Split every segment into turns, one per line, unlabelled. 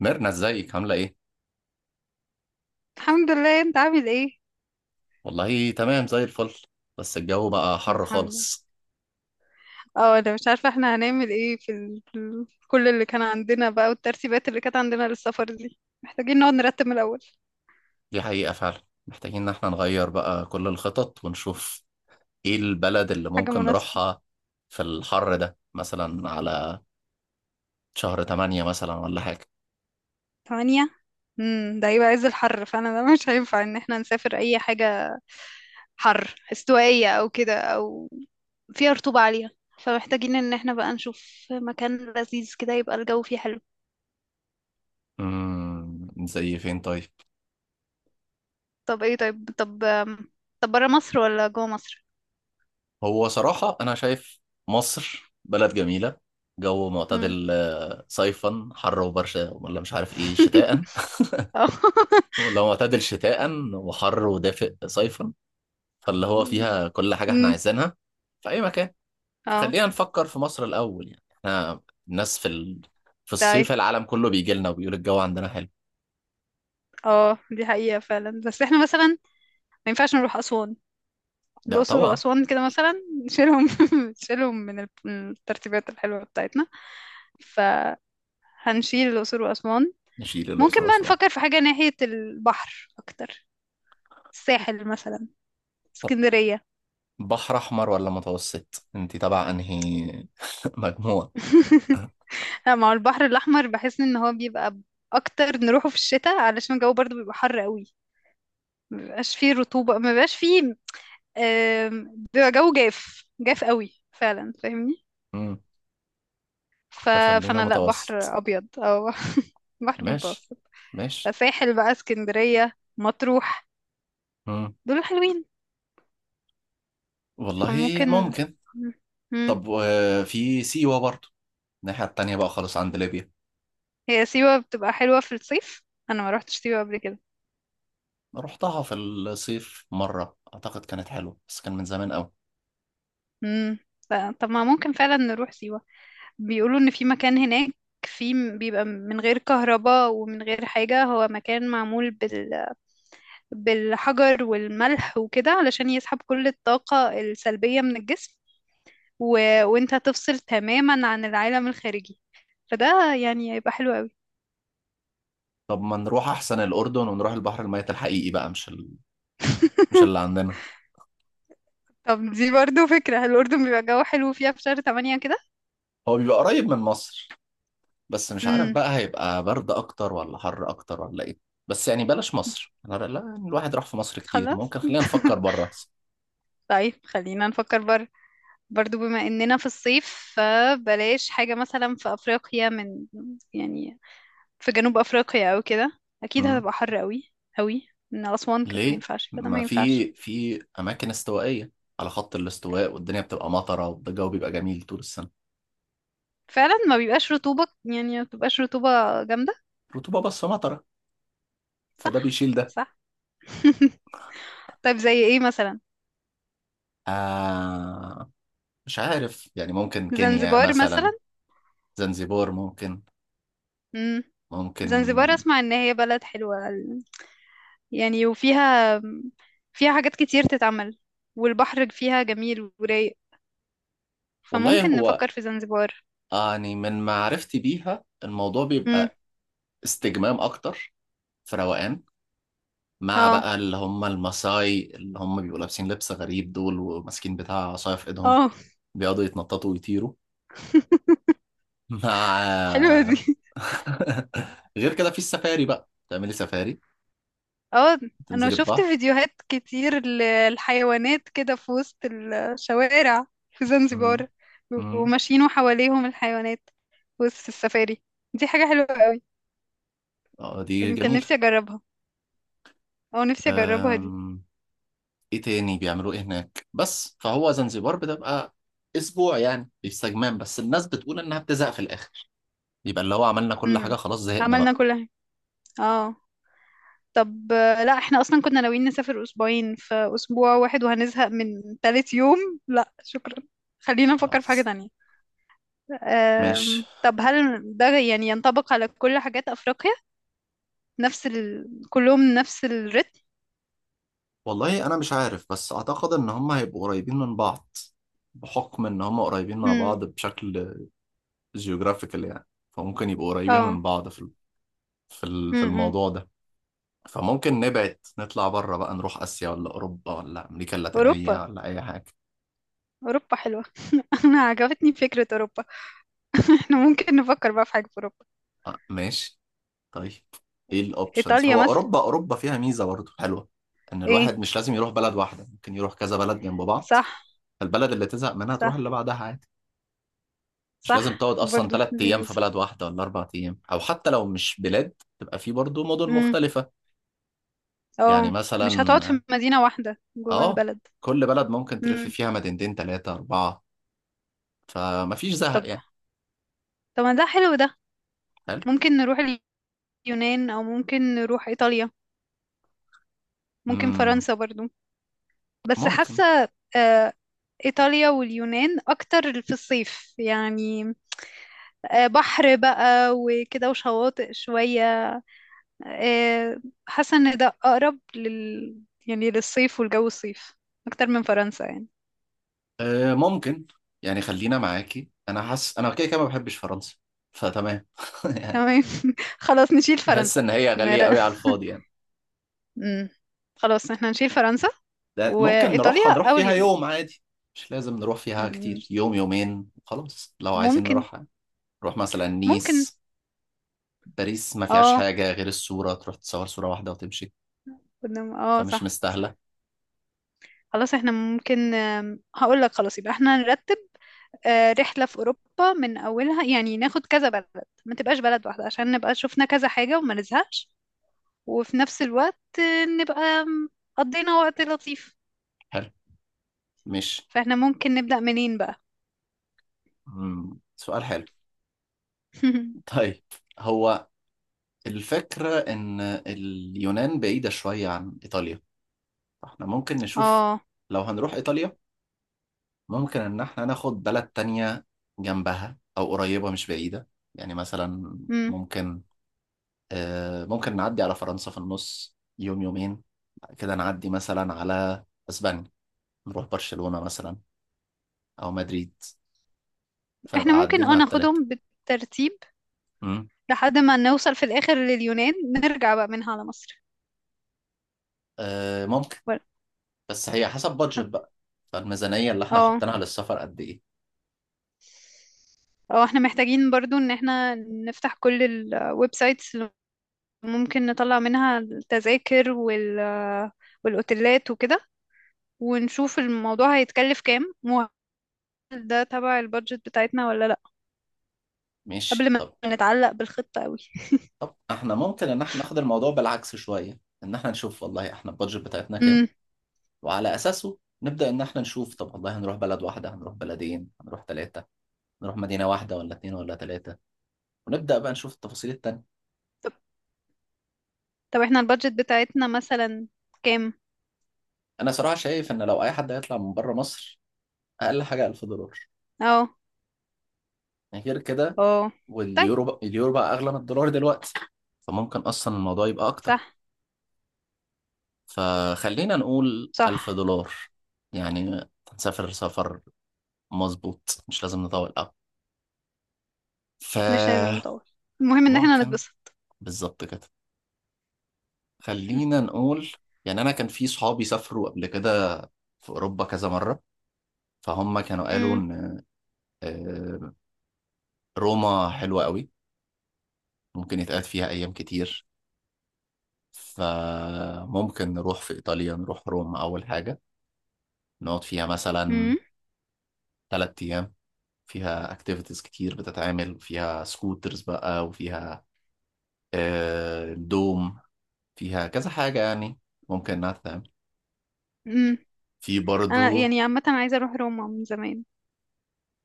ميرنا ازيك عاملة ايه؟
الحمد لله، انت عامل ايه؟
والله تمام زي الفل. بس الجو بقى حر
الحمد لله.
خالص.
اه انا مش عارفه احنا هنعمل ايه كل اللي كان عندنا بقى، والترتيبات اللي كانت عندنا للسفر دي محتاجين نقعد نرتب من الاول.
دي حقيقة فعلا. محتاجين ان احنا نغير بقى كل الخطط ونشوف ايه البلد اللي
حاجه
ممكن
مناسبه.
نروحها في الحر ده، مثلا على شهر تمانية مثلا ولا حاجة.
ثمانية. ده هيبقى عز الحر، فانا ده مش هينفع ان احنا نسافر اي حاجه. حر استوائيه او كده، او فيها رطوبه عاليه. فمحتاجين ان احنا بقى نشوف مكان لذيذ كده، يبقى الجو فيه حلو.
زي فين طيب؟
طب ايه؟ طيب، طب بره مصر ولا جوه مصر؟
هو صراحة انا شايف مصر بلد جميلة، جو
امم.
معتدل، صيفا حر وبرشا ولا مش عارف ايه شتاء.
اه.
لو معتدل شتاء وحر ودافئ صيفا، فاللي هو فيها كل حاجة احنا
امم.
عايزينها في أي مكان.
اه.
فخلينا نفكر في مصر الأول، يعني احنا الناس في الصيف
طيب.
العالم كله بيجي لنا وبيقول الجو عندنا حلو.
اه، دي حقيقة فعلا، بس احنا مثلا ما ينفعش نروح أسوان.
لا
الأقصر
طبعا.
وأسوان كده مثلا، نشيلهم نشيلهم من الترتيبات الحلوة بتاعتنا، فهنشيل الأقصر وأسوان.
نشيل
ممكن
الأقصر
بقى
وأسوان.
نفكر في حاجة ناحية البحر أكتر، الساحل مثلا،
طب
اسكندرية.
بحر أحمر ولا متوسط؟ انت تبع أنهي مجموعة؟
لا، مع البحر الأحمر بحس إن هو بيبقى أكتر نروحه في الشتاء، علشان الجو برضه بيبقى حر قوي، مبيبقاش فيه رطوبة، مبيبقاش فيه، بيبقى جو جاف جاف قوي فعلا، فاهمني؟
مم.
ف...
فخلينا
فانا، لا
متوسط.
بحر ابيض او بحر
ماشي،
متوسط.
ماشي.
ساحل بقى اسكندرية مطروح،
مم.
دول حلوين،
والله
فممكن.
ممكن.
مم. مم.
طب في سيوة برضه، الناحية التانية بقى خالص عند ليبيا.
هي سيوة بتبقى حلوة في الصيف، انا ما روحتش سيوة قبل كده.
رحتها في الصيف مرة، أعتقد كانت حلوة بس كان من زمان أوي.
مم. لا، طب ما ممكن فعلا نروح سيوة. بيقولوا ان في مكان هناك، في بيبقى من غير كهرباء ومن غير حاجة. هو مكان معمول بالحجر والملح وكده، علشان يسحب كل الطاقة السلبية من الجسم، و... وانت تفصل تماما عن العالم الخارجي، فده يعني هيبقى حلو قوي.
طب ما نروح احسن الاردن ونروح البحر الميت الحقيقي بقى، مش اللي عندنا.
طب دي برضو فكرة، الأردن بيبقى جو حلو فيها في شهر تمانية كده.
هو بيبقى قريب من مصر، بس مش عارف
امم.
بقى هيبقى برد اكتر ولا حر اكتر ولا ايه. بس يعني بلاش مصر، لا لا، يعني الواحد راح في مصر كتير،
خلاص.
ممكن خلينا نفكر بره احسن.
طيب خلينا نفكر بره. برضو بما اننا في الصيف، فبلاش حاجة مثلا في افريقيا، يعني في جنوب افريقيا او كده اكيد
أمم.
هتبقى حر قوي قوي من اسوان، كانت ما
ليه؟
ينفعش كده، ما
ما
ينفعش.
في اماكن استوائيه على خط الاستواء، والدنيا بتبقى مطره والجو بيبقى جميل طول السنه.
فعلا ما بيبقاش رطوبة، يعني ما بتبقاش رطوبة جامدة.
رطوبه بس مطره، فده
صح،
بيشيل ده.
صح. طيب، زي ايه مثلا؟
آه مش عارف، يعني ممكن كينيا
زنزبار مثلا.
مثلا. زنزبور ممكن.
امم. زنزبار،
ممكن.
اسمع ان هي بلد حلوة يعني، وفيها حاجات كتير تتعمل، والبحر فيها جميل ورايق،
والله
فممكن
هو
نفكر في زنزبار.
يعني من معرفتي بيها الموضوع
امم.
بيبقى استجمام اكتر، في روقان، مع
اه.
بقى اللي هم الماساي اللي هم بيبقوا لابسين لبس غريب دول، وماسكين بتاع عصاية في ايدهم،
اه.
بيقعدوا يتنططوا ويطيروا
حلوة
مع
دي.
غير كده في السفاري بقى، تعملي سفاري،
اه، انا
تنزلي
شفت
البحر.
فيديوهات كتير للحيوانات كده في وسط الشوارع في
مم.
زنزبار، بيبقوا
مم.
ماشيين وحواليهم الحيوانات في وسط السفاري، دي حاجة حلوة قوي.
اه دي
يعني كان
جميلة.
نفسي اجربها، او نفسي اجربها دي.
أم... ايه تاني بيعملوه ايه هناك؟ بس فهو زنزبار بتبقى اسبوع يعني باستجمام بس، الناس بتقول انها بتزهق في الاخر. يبقى اللي هو عملنا كل حاجه
امم.
خلاص زهقنا
عملنا
بقى.
كل حاجة. اه. طب، لا احنا اصلا كنا ناويين نسافر اسبوعين، في اسبوع واحد وهنزهق من تالت يوم، لا شكرا. خلينا نفكر في حاجة
خلاص.
تانية.
مش
طب، هل ده يعني ينطبق على كل حاجات أفريقيا؟ كلهم نفس الريتم.
والله انا مش عارف، بس اعتقد ان هم هيبقوا قريبين من بعض، بحكم ان هم قريبين مع
امم.
بعض بشكل جيوغرافيكال يعني. فممكن يبقوا قريبين
اه.
من بعض في
امم.
الموضوع ده. فممكن نبعد نطلع بره بقى، نروح اسيا ولا اوروبا ولا امريكا
اوروبا.
اللاتينيه ولا اي حاجه.
اوروبا حلوه. انا عجبتني فكره اوروبا. احنا ممكن نفكر بقى في حاجه في اوروبا.
آه، ماشي. طيب، ايه الاوبشنز؟
ايطاليا
هو
مثلا.
اوروبا فيها ميزه برضه حلوه، ان الواحد
ايه،
مش لازم يروح بلد واحده، ممكن يروح كذا بلد جنب بعض.
صح،
فالبلد اللي تزهق منها تروح
صح.
اللي بعدها عادي. مش
صح
لازم تقعد اصلا
برضو
ثلاث
دي
ايام في
ميزه.
بلد واحده، ولا اربع ايام، او حتى لو مش بلاد تبقى في برضه مدن
امم.
مختلفه. يعني
اه.
مثلا،
مش هتقعد في مدينه واحده جوه
اه،
البلد.
كل بلد ممكن تلف
امم.
فيها مدينتين، ثلاثه، اربعه، فمفيش
طب
زهق يعني.
طب ما ده حلو ده.
حلو.
ممكن نروح اليونان او ممكن نروح ايطاليا، ممكن
امم
فرنسا برضو، بس
ممكن.
حاسه آه، إيطاليا واليونان أكتر في الصيف يعني، بحر بقى وكده وشواطئ شوية. آه، حاسة إن ده أقرب يعني للصيف والجو الصيف، أكتر من فرنسا يعني.
آه ممكن. يعني خلينا معاكي، انا حاسس انا كده كده ما بحبش فرنسا، فتمام.
تمام. خلاص نشيل
بحس
فرنسا.
ان هي غالية
نرى.
قوي على الفاضي يعني.
مم. خلاص احنا نشيل فرنسا،
ده ممكن
وإيطاليا
هنروح
أو
فيها
اليونان.
يوم عادي، مش لازم نروح فيها
مم.
كتير، يوم يومين خلاص لو عايزين
ممكن.
نروح يعني. نروح مثلا
ممكن،
نيس. باريس ما فيهاش
اه،
حاجة غير الصورة، تروح تصور صورة واحدة وتمشي،
اه،
فمش
صح،
مستاهلة.
صح. خلاص احنا ممكن، هقول لك، خلاص يبقى احنا نرتب رحلة في أوروبا من أولها، يعني ناخد كذا بلد، ما تبقاش بلد واحدة، عشان نبقى شفنا كذا حاجة وما نزهقش، وفي نفس الوقت نبقى قضينا وقت لطيف.
حلو. مش
فاحنا ممكن نبدأ منين بقى؟
مم. سؤال حلو. طيب، هو الفكرة ان اليونان بعيدة شوية عن ايطاليا، فاحنا ممكن نشوف.
اه.
لو هنروح ايطاليا، ممكن إن إحنا ناخد بلد تانية جنبها أو قريبة، مش بعيدة. يعني مثلا،
مم.
ممكن ممكن نعدي على فرنسا في النص، يوم يومين، بعد كده نعدي مثلا على أسبانيا، نروح برشلونة مثلا أو مدريد،
احنا
فنبقى
ممكن،
عدينا على التلاتة.
ناخدهم بالترتيب
مم.
لحد ما نوصل في الآخر لليونان، نرجع بقى منها على مصر.
آه، ممكن.
ولا-
بس هي حسب بادجت بقى، فالميزانية اللي إحنا
اه.
حاطينها للسفر قد إيه.
اه، احنا محتاجين برضو ان احنا نفتح كل الويب سايتس اللي ممكن نطلع منها التذاكر والاوتيلات وكده، ونشوف الموضوع هيتكلف كام، وهل ده تبع البادجت بتاعتنا ولا لا، قبل
ماشي.
ما
طب
نتعلق بالخطة قوي.
طب إحنا ممكن إن إحنا ناخد الموضوع بالعكس شوية، إن إحنا نشوف والله إحنا البادجت بتاعتنا كام،
امم.
وعلى أساسه نبدأ إن إحنا نشوف، طب والله هنروح بلد واحدة، هنروح بلدين، هنروح ثلاثة، نروح مدينة واحدة ولا اتنين ولا ثلاثة، ونبدأ بقى نشوف التفاصيل التانية.
طب طب احنا البادجت بتاعتنا مثلا كام؟
أنا صراحة شايف إن لو أي حد هيطلع من بره مصر، أقل حاجة 1000 دولار
اه.
يعني، غير كده
اه. طيب،
واليورو بقى اليورو بقى أغلى من الدولار دلوقتي، فممكن أصلا الموضوع يبقى
صح،
أكتر. فخلينا نقول 1000
صح.
دولار يعني. هنسافر سفر مظبوط، مش لازم نطول أوي.
مش لازم نطول، المهم ان احنا
فممكن،
نتبسط.
بالظبط كده. خلينا نقول، يعني انا كان في صحابي سافروا قبل كده في اوروبا كذا مره، فهم كانوا قالوا
امم.
ان آه، روما حلوه قوي، ممكن يتقعد فيها ايام كتير. فممكن نروح في ايطاليا، نروح روما اول حاجه، نقعد فيها مثلا
امم.
ثلاث ايام. فيها اكتيفيتيز كتير بتتعمل، فيها سكوترز بقى، وفيها دوم، فيها كذا حاجه يعني ممكن انها تتعمل.
امم.
في
انا
برضو.
يعني عامة عايزة اروح روما من زمان.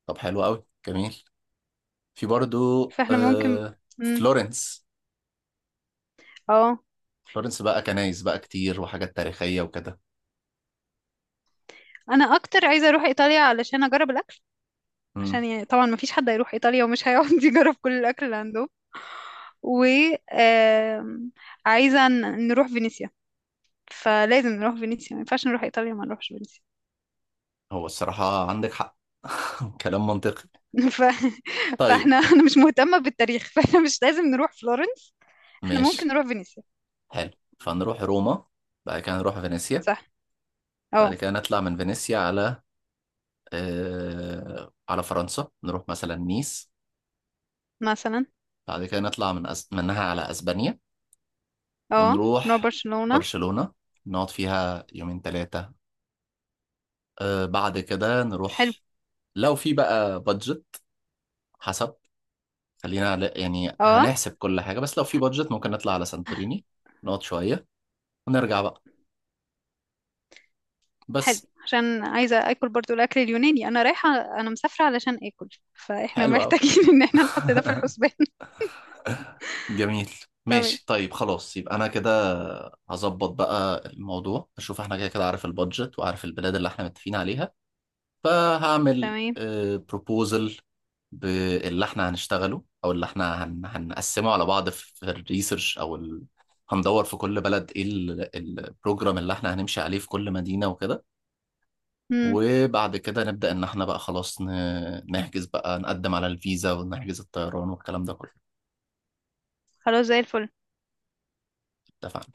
طب حلو قوي، جميل. في برضو
فاحنا ممكن.
آه
امم.
فلورنس،
اه.
فلورنس بقى كنايس بقى كتير وحاجات تاريخية وكده.
انا اكتر عايزة اروح ايطاليا علشان اجرب الاكل،
مم.
عشان يعني طبعا مفيش حد هيروح ايطاليا ومش هيقعد يجرب كل الاكل اللي عندهم، وعايزة نروح فينيسيا، فلازم نروح فينيسيا، ما ينفعش نروح إيطاليا ما نروحش فينيسيا.
هو الصراحة عندك حق. كلام منطقي.
ف...
طيب،
أنا مش مهتمة بالتاريخ، فاحنا مش لازم نروح فلورنس. احنا
ماشي،
ممكن نروح فينيسيا.
حلو. فنروح روما، بعد كده نروح فينيسيا،
صح.
بعد
اه،
كده نطلع من فينيسيا على فرنسا، نروح مثلا نيس،
مثلا.
بعد كده نطلع منها على أسبانيا
اه، نروح
ونروح
برشلونة.
برشلونة، نقعد فيها يومين ثلاثة. بعد كده
حلو
نروح، لو في بقى بادجت، حسب، خلينا يعني
اه
هنحسب كل حاجة، بس لو في بادجت ممكن نطلع على سانتوريني، نقعد شوية ونرجع بقى.
حلو
بس
عشان عايزة اكل برضو، الاكل اليوناني انا رايحة، انا مسافرة علشان اكل، فاحنا
حلو أوي.
محتاجين ان احنا نحط ده في الحسبان.
جميل.
تمام،
ماشي طيب خلاص، يبقى أنا كده هظبط بقى الموضوع، أشوف احنا كده كده عارف البادجت وعارف البلاد اللي احنا متفقين عليها، فهعمل
تمام.
بروبوزل باللي احنا هنشتغله، أو اللي احنا هنقسمه على بعض في الريسيرش أو هندور في كل بلد ايه البروجرام اللي احنا هنمشي عليه في كل مدينة وكده.
امم.
وبعد كده نبدأ إن إحنا بقى خلاص، نحجز بقى، نقدم على الفيزا ونحجز الطيران والكلام ده كله.
خلاص زي الفل.
اتفقنا.